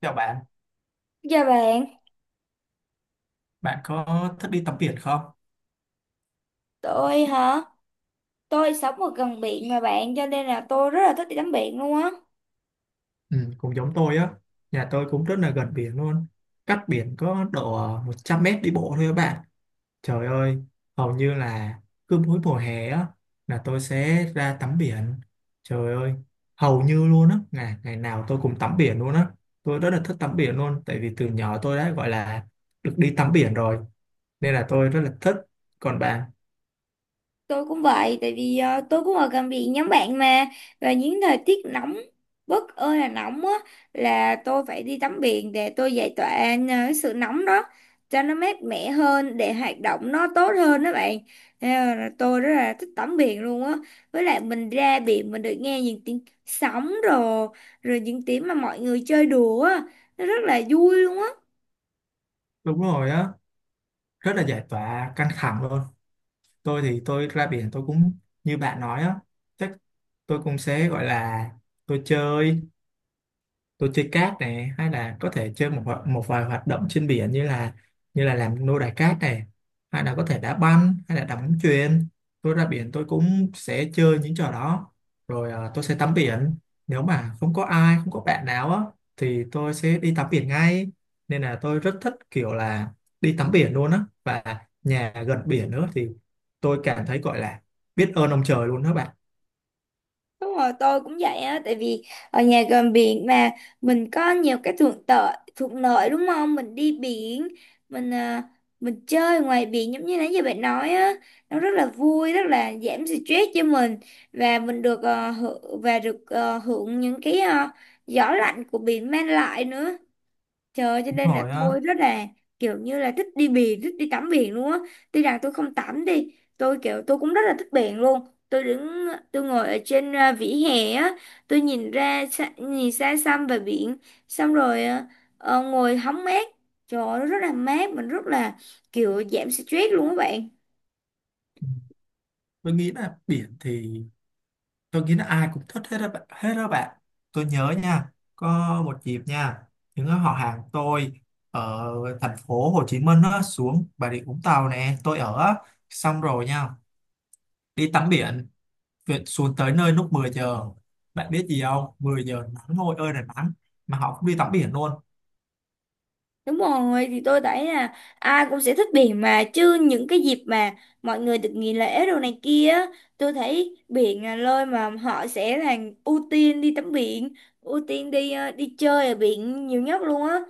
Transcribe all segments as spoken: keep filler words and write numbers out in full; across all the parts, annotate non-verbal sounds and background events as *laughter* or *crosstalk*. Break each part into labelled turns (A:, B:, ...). A: Chào bạn,
B: Dạ bạn,
A: bạn có thích đi tắm biển không?
B: tôi hả? Tôi sống ở gần biển mà bạn, cho nên là tôi rất là thích đi tắm biển luôn á.
A: Ừ, cũng giống tôi á, nhà tôi cũng rất là gần biển luôn. Cách biển có độ ờ, một trăm mét đi bộ thôi các bạn. Trời ơi, hầu như là cứ mỗi mùa hè á, là tôi sẽ ra tắm biển. Trời ơi, hầu như luôn á, ngày, ngày nào tôi cũng tắm biển luôn á. Tôi rất là thích tắm biển luôn, tại vì từ nhỏ tôi đã gọi là được đi tắm biển rồi. Nên là tôi rất là thích. Còn bạn?
B: Tôi cũng vậy, tại vì ờ, tôi cũng ở gần biển nhóm bạn mà. Và những thời tiết nóng, bất ơi là nóng á, là tôi phải đi tắm biển để tôi giải tỏa ờ, cái sự nóng đó, cho nó mát mẻ hơn, để hoạt động nó tốt hơn đó bạn. Nên là tôi rất là thích tắm biển luôn á. Với lại mình ra biển mình được nghe những tiếng sóng rồi, rồi những tiếng mà mọi người chơi đùa á, nó rất là vui luôn á.
A: Đúng rồi á, rất là giải tỏa căng thẳng luôn. Tôi thì tôi ra biển tôi cũng như bạn nói á, chắc tôi cũng sẽ gọi là tôi chơi tôi chơi cát này, hay là có thể chơi một ho- một vài hoạt động trên biển, như là như là làm nô đài cát này, hay là có thể đá banh hay là đá bóng chuyền. Tôi ra biển tôi cũng sẽ chơi những trò đó. Rồi à, tôi sẽ tắm biển. Nếu mà không có ai, không có bạn nào á, thì tôi sẽ đi tắm biển ngay, nên là tôi rất thích kiểu là đi tắm biển luôn á, và nhà gần biển nữa thì tôi cảm thấy gọi là biết ơn ông trời luôn đó bạn.
B: Đúng rồi, tôi cũng vậy á, tại vì ở nhà gần biển mà mình có nhiều cái thuận lợi, thuận lợi đúng không? Mình đi biển, mình à, mình chơi ngoài biển giống như nãy giờ bạn nói á, nó rất là vui, rất là giảm stress cho mình và mình được hưởng và được ờ, hưởng những cái ờ, gió lạnh của biển mang lại nữa. Trời ơi, cho
A: Đúng
B: nên là
A: rồi á.
B: tôi rất là kiểu như là thích đi biển, thích đi tắm biển luôn á. Tuy rằng tôi không tắm đi, tôi kiểu tôi cũng rất là thích biển luôn. Tôi đứng, tôi ngồi ở trên à, vỉa hè á, tôi nhìn ra, xa- nhìn xa xăm về biển, xong rồi à, ờ, ngồi hóng mát. Trời ơi, nó rất là mát, mình rất là kiểu giảm stress luôn các bạn.
A: Ừ. Tôi nghĩ là biển thì tôi nghĩ là ai cũng thích hết đó bạn, hết đó bạn. Tôi nhớ nha, có một dịp nha, những họ hàng tôi ở thành phố Hồ Chí Minh á, xuống Bà Rịa Vũng Tàu nè tôi ở á. Xong rồi nha, đi tắm biển. Việc xuống tới nơi lúc mười giờ, bạn biết gì không, mười giờ nắng ngồi ơi là nắng mà họ cũng đi tắm biển luôn.
B: Đúng rồi, thì tôi thấy là ai cũng sẽ thích biển mà chứ những cái dịp mà mọi người được nghỉ lễ đồ này kia, á, tôi thấy biển là nơi mà họ sẽ là ưu tiên đi tắm biển, ưu tiên đi ờ, đi chơi ở biển nhiều nhất luôn á.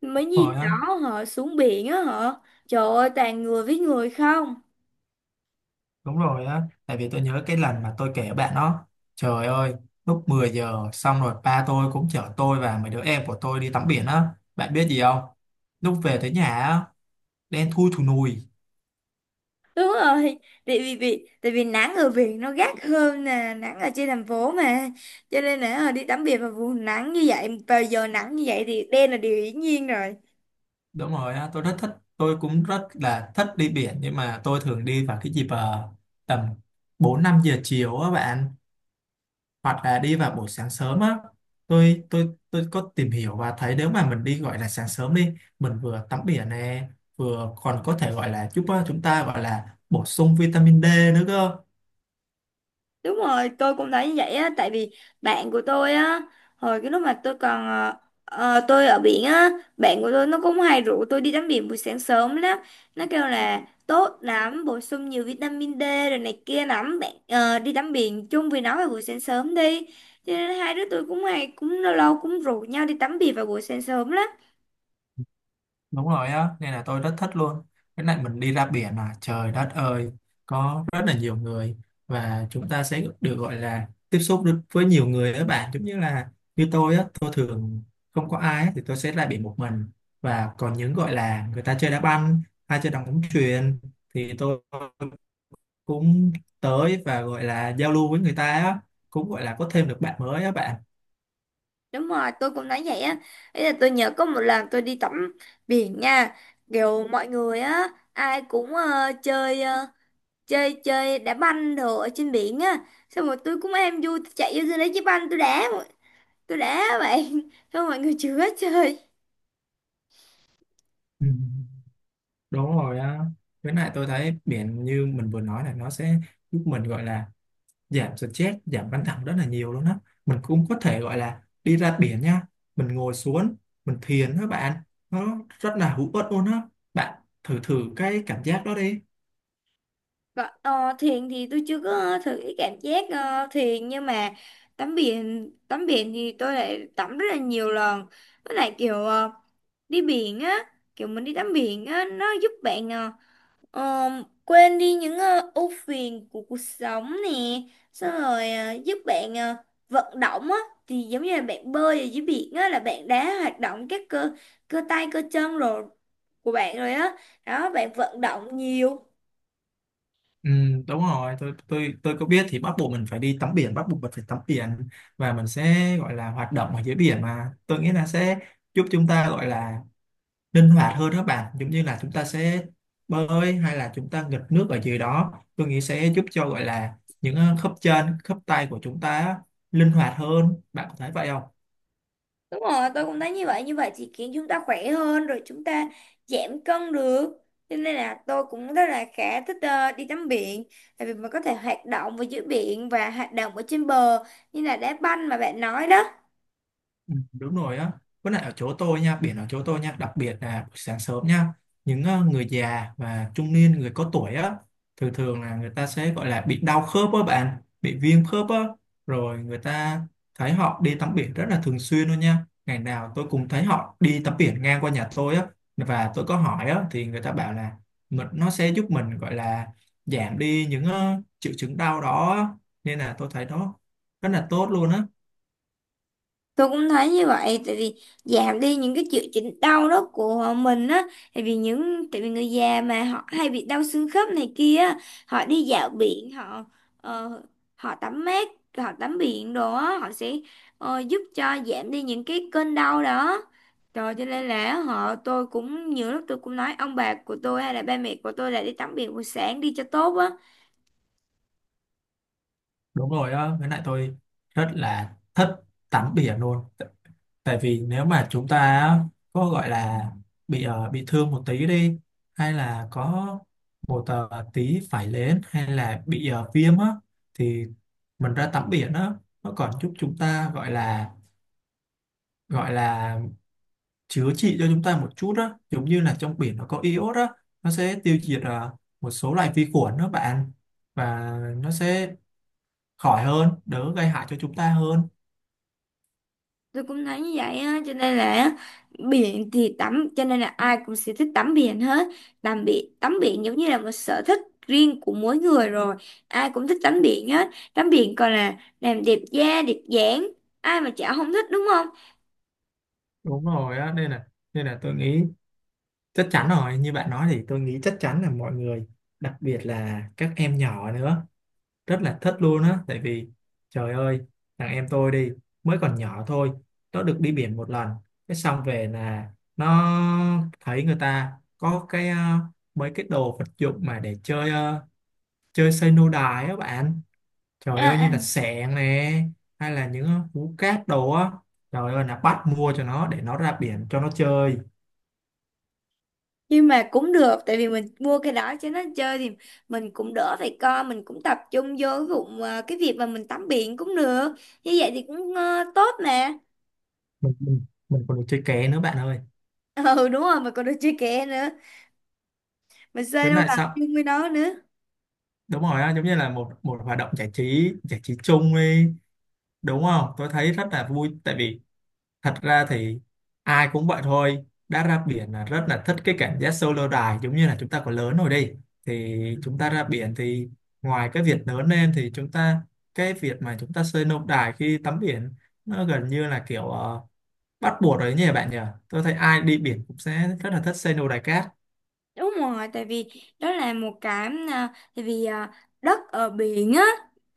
B: Mấy dịp
A: Rồi
B: đó họ xuống biển á họ, trời ơi toàn người với người không.
A: Đúng rồi á, tại vì tôi nhớ cái lần mà tôi kể bạn đó, trời ơi, lúc mười giờ xong rồi ba tôi cũng chở tôi và mấy đứa em của tôi đi tắm biển á, bạn biết gì không? Lúc về tới nhà á, đen thui thù nùi.
B: Đúng rồi, tại vì, vì tại vì nắng ở biển nó gắt hơn nè, nắng ở trên thành phố mà. Cho nên là ờ, đi tắm biển vào vùng nắng như vậy, vào giờ nắng như vậy thì đen là điều hiển nhiên rồi.
A: Đúng rồi á, tôi rất thích, tôi cũng rất là thích đi biển nhưng mà tôi thường đi vào cái dịp ờ, tầm bốn năm giờ chiều á bạn, hoặc là đi vào buổi sáng sớm á. Tôi tôi tôi có tìm hiểu và thấy nếu mà mình đi gọi là sáng sớm đi, mình vừa tắm biển nè, vừa còn có thể gọi là giúp ờ, chúng ta gọi là bổ sung vitamin đê nữa cơ.
B: Đúng rồi, tôi cũng thấy như vậy á, tại vì bạn của tôi á, hồi cái lúc mà tôi còn ờ, ờ, tôi ở biển á, bạn của tôi nó cũng hay rủ tôi đi tắm biển buổi sáng sớm lắm. Nó kêu là tốt lắm, bổ sung nhiều vitamin D rồi này kia lắm, bạn ờ, đi tắm biển chung với nó vào buổi sáng sớm đi. Cho nên hai đứa tôi cũng hay cũng lâu lâu cũng rủ nhau đi tắm biển vào buổi sáng sớm lắm.
A: Đúng rồi á, nên là tôi rất thích luôn cái này. Mình đi ra biển mà trời đất ơi, có rất là nhiều người, và chúng ta sẽ được gọi là tiếp xúc được với nhiều người á bạn. Giống như là như tôi á, tôi thường không có ai á, thì tôi sẽ ra biển một mình, và còn những gọi là người ta chơi đá banh hay chơi đá bóng chuyền thì tôi cũng tới và gọi là giao lưu với người ta á, cũng gọi là có thêm được bạn mới á bạn.
B: Đúng rồi, tôi cũng nói vậy á. Ý là tôi nhớ có một lần tôi đi tắm biển nha, kiểu mọi người á ai cũng ờ, chơi ờ, chơi chơi đá banh đồ ở trên biển á, xong rồi tôi cũng em vui tôi chạy vô tôi lấy cái banh tôi đá, tôi đá bạn *laughs* xong mọi người chưa hết chơi.
A: Ừ. Đúng rồi á. Với lại tôi thấy biển như mình vừa nói là nó sẽ giúp mình gọi là giảm stress, giảm căng thẳng rất là nhiều luôn á. Mình cũng có thể gọi là đi ra biển nha, mình ngồi xuống, mình thiền đó bạn. Nó rất là hữu ích luôn á. Bạn thử thử cái cảm giác đó đi.
B: Còn, ờ, thuyền thì tôi chưa có thử cái cảm giác ờ, thuyền, nhưng mà tắm biển tắm biển thì tôi lại tắm rất là nhiều lần, với lại kiểu ờ, đi biển á, kiểu mình đi tắm biển á nó giúp bạn ờ, Ờ, quên đi những ờ, ưu phiền của cuộc sống nè, xong rồi ờ, giúp bạn ờ, vận động á, thì giống như là bạn bơi ở dưới biển á là bạn đã hoạt động các cơ cơ tay cơ chân rồi của bạn rồi á đó bạn, vận động nhiều.
A: Ừ, đúng rồi, tôi tôi tôi có biết thì bắt buộc mình phải đi tắm biển, bắt buộc mình phải tắm biển, và mình sẽ gọi là hoạt động ở dưới biển mà. Tôi nghĩ là sẽ giúp chúng ta gọi là linh hoạt hơn đó bạn, giống như là chúng ta sẽ bơi hay là chúng ta nghịch nước ở dưới đó, tôi nghĩ sẽ giúp cho gọi là những ờ, khớp chân khớp tay của chúng ta á, linh hoạt hơn. Bạn có thấy vậy không?
B: Đúng rồi, tôi cũng thấy như vậy, như vậy thì khiến chúng ta khỏe hơn rồi, chúng ta giảm cân được, cho nên là tôi cũng rất là khá thích ờ, đi tắm biển, tại vì mình có thể hoạt động ở dưới biển và hoạt động ở trên bờ như là đá banh mà bạn nói đó.
A: Ừ, đúng rồi á. Với lại ở chỗ tôi nha, biển ở chỗ tôi nha, đặc biệt là buổi sáng sớm nha, những ờ, người già và trung niên, người có tuổi á, thường thường là người ta sẽ gọi là bị đau khớp á bạn, bị viêm khớp á, rồi người ta, thấy họ đi tắm biển rất là thường xuyên luôn nha, ngày nào tôi cũng thấy họ đi tắm biển ngang qua nhà tôi á. Và tôi có hỏi á, thì người ta bảo là mình, nó sẽ giúp mình gọi là giảm đi những ờ, triệu chứng đau đó á. Nên là tôi thấy nó rất là tốt luôn á.
B: Tôi cũng thấy như vậy, tại vì giảm đi những cái triệu chứng đau đó của mình á, tại vì những tại vì người già mà họ hay bị đau xương khớp này kia á, họ đi dạo biển họ ờ, họ tắm mát, họ tắm biển đồ á, họ sẽ ờ, giúp cho giảm đi những cái cơn đau đó rồi, cho nên là họ, tôi cũng nhiều lúc tôi cũng nói ông bà của tôi hay là ba mẹ của tôi là đi tắm biển buổi sáng đi cho tốt á.
A: Đúng rồi đó, với lại tôi rất là thích tắm biển luôn. T- tại vì nếu mà chúng ta á, có gọi là bị ờ, bị thương một tí đi, hay là có một ờ, tí phải lên, hay là bị ờ, viêm á, thì mình ra tắm biển á, nó còn giúp chúng ta gọi là gọi là chữa trị cho chúng ta một chút á. Giống như là trong biển nó có iốt á, nó sẽ tiêu diệt ờ, một số loại vi khuẩn đó bạn, và nó sẽ khỏi hơn, đỡ gây hại cho chúng ta hơn.
B: Tôi cũng thấy như vậy á, cho nên là biển thì tắm, cho nên là ai cũng sẽ thích tắm biển hết. Tắm biển tắm biển giống như là một sở thích riêng của mỗi người rồi, ai cũng thích tắm biển hết. Tắm biển còn là làm đẹp da đẹp dáng, ai mà chả không thích, đúng không?
A: Đúng rồi á, nên là nên là tôi nghĩ chắc chắn rồi, như bạn nói thì tôi nghĩ chắc chắn là mọi người, đặc biệt là các em nhỏ nữa, rất là thích luôn á. Tại vì trời ơi, thằng em tôi đi, mới còn nhỏ thôi, nó được đi biển một lần, cái xong về là nó thấy người ta có cái ờ, mấy cái đồ vật dụng mà để chơi, ờ, chơi xây nô đài á bạn.
B: À,
A: Trời ơi, như
B: à,
A: là xẻng nè, hay là những ờ, hú cát đồ á, trời ơi là bắt mua cho nó để nó ra biển cho nó chơi.
B: nhưng mà cũng được, tại vì mình mua cái đó cho nó chơi thì mình cũng đỡ phải co, mình cũng tập trung vô cái, vụ, à, cái việc mà mình tắm biển cũng được, như vậy thì cũng ờ, tốt mà.
A: Mình mình mình còn được chơi ké nữa bạn ơi.
B: *laughs* Ừ đúng rồi, mà còn được chơi kè nữa, mình chơi
A: Với
B: đâu
A: lại
B: đành
A: sao,
B: chung với nó nữa.
A: đúng rồi á, giống như là một một hoạt động giải trí, giải trí chung đi, đúng không? Tôi thấy rất là vui tại vì, thật ra thì ai cũng vậy thôi, đã ra biển là rất là thích cái cảm giác solo dive. Giống như là chúng ta còn lớn rồi đi, thì chúng ta ra biển thì, ngoài cái việc lớn lên thì chúng ta, cái việc mà chúng ta solo dive khi tắm biển, nó gần như là kiểu ờ, bắt buộc rồi nhỉ, bạn nhỉ? Tôi thấy ai đi biển cũng sẽ rất là thích solo dive cát.
B: Đúng rồi, tại vì đó là một cái à, tại vì à, đất ở biển á,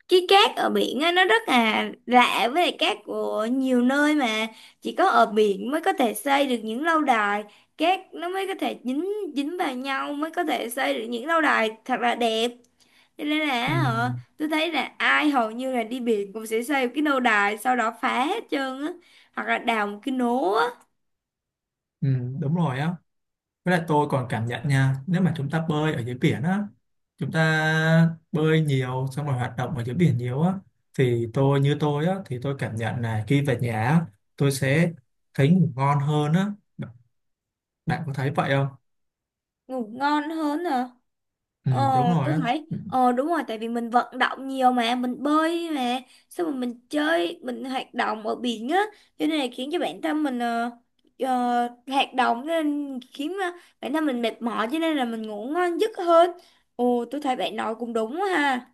B: cái cát ở biển á nó rất là lạ, với lại cát của nhiều nơi mà chỉ có ở biển mới có thể xây được những lâu đài cát, nó mới có thể dính dính vào nhau, mới có thể xây được những lâu đài thật là đẹp. Cho nên là ờ,
A: Ừ.
B: tôi thấy là ai hầu như là đi biển cũng sẽ xây một cái lâu đài sau đó phá hết trơn á, hoặc là đào một cái nố á.
A: Ừ, đúng rồi á. Với lại tôi còn cảm nhận nha, nếu mà chúng ta bơi ở dưới biển á, chúng ta bơi nhiều xong rồi hoạt động ở dưới biển nhiều á, thì tôi như tôi á, thì tôi cảm nhận là khi về nhà á, tôi sẽ thấy ngủ ngon hơn á. Bạn có thấy vậy không?
B: Ngủ ngon hơn hả?
A: Ừ,
B: Ờ,
A: đúng rồi
B: tôi
A: á.
B: thấy
A: Ừ,
B: ờ đúng rồi, tại vì mình vận động nhiều mà, mình bơi mà, xong rồi mình chơi mình hoạt động ở biển á, cho nên là khiến cho bản thân mình ờ, ờ, hoạt động, cho nên khiến ờ, bản thân mình mệt mỏi, cho nên là mình ngủ ngon giấc hơn. Ồ, tôi thấy bạn nói cũng đúng ha.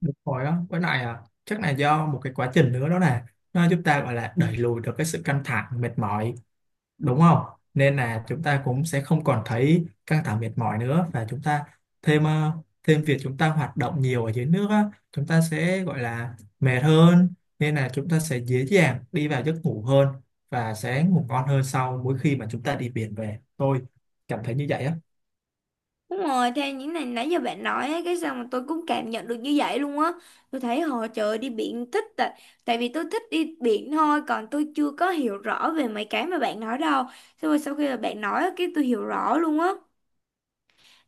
A: đúng rồi á. Với lại à, chắc là do một cái quá trình nữa đó nè, nó giúp ta gọi là đẩy lùi được cái sự căng thẳng, mệt mỏi, đúng không? Nên là chúng ta cũng sẽ không còn thấy căng thẳng mệt mỏi nữa, và chúng ta thêm ờ, thêm việc chúng ta hoạt động nhiều ở dưới nước á, chúng ta sẽ gọi là mệt hơn, nên là chúng ta sẽ dễ dàng đi vào giấc ngủ hơn, và sẽ ngủ ngon hơn sau mỗi khi mà chúng ta đi biển về. Tôi cảm thấy như vậy á.
B: Đúng rồi, theo những này nãy giờ bạn nói ấy, cái sao mà tôi cũng cảm nhận được như vậy luôn á. Tôi thấy họ, trời ơi, đi biển thích, tại tại vì tôi thích đi biển thôi, còn tôi chưa có hiểu rõ về mấy cái mà bạn nói đâu. Xong rồi sau khi mà bạn nói á, cái tôi hiểu rõ luôn á.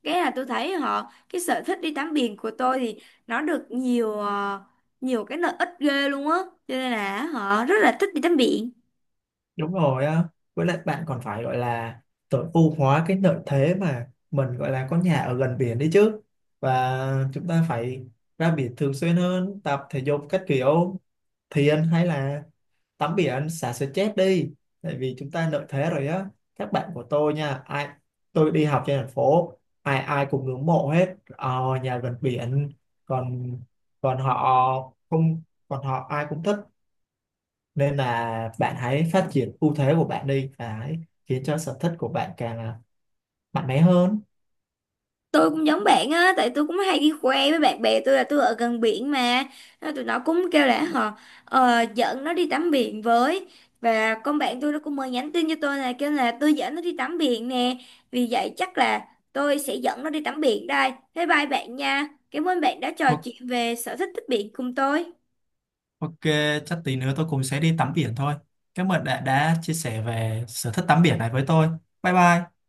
B: Cái là tôi thấy họ, cái sở thích đi tắm biển của tôi thì nó được nhiều ờ, nhiều cái lợi ích ghê luôn á. Cho nên là họ rất là thích đi tắm biển.
A: Đúng rồi á, với lại bạn còn phải gọi là tối ưu hóa cái lợi thế mà mình gọi là có nhà ở gần biển đi chứ, và chúng ta phải ra biển thường xuyên hơn, tập thể dục các kiểu. Thì anh thấy là tắm biển, anh xả stress đi, tại vì chúng ta lợi thế rồi á. Các bạn của tôi nha, ai, tôi đi học trên thành phố, ai ai cũng ngưỡng mộ hết ờ, nhà gần biển. Còn còn họ không, còn họ ai cũng thích. Nên là bạn hãy phát triển ưu thế của bạn đi, và hãy khiến cho sở thích của bạn càng là mạnh mẽ hơn.
B: Tôi cũng giống bạn á, tại tôi cũng hay đi khoe với bạn bè tôi là tôi ở gần biển mà. Nên tụi nó cũng kêu là họ ờ, dẫn nó đi tắm biển với, và con bạn tôi nó cũng mới nhắn tin cho tôi là kêu là tôi dẫn nó đi tắm biển nè. Vì vậy chắc là tôi sẽ dẫn nó đi tắm biển đây. Bye bye bạn nha, cảm ơn bạn đã trò
A: O-
B: chuyện về sở thích thích biển cùng tôi.
A: Ok, chắc tí nữa tôi cũng sẽ đi tắm biển thôi. Cảm ơn đã đã chia sẻ về sở thích tắm biển này với tôi. Bye bye.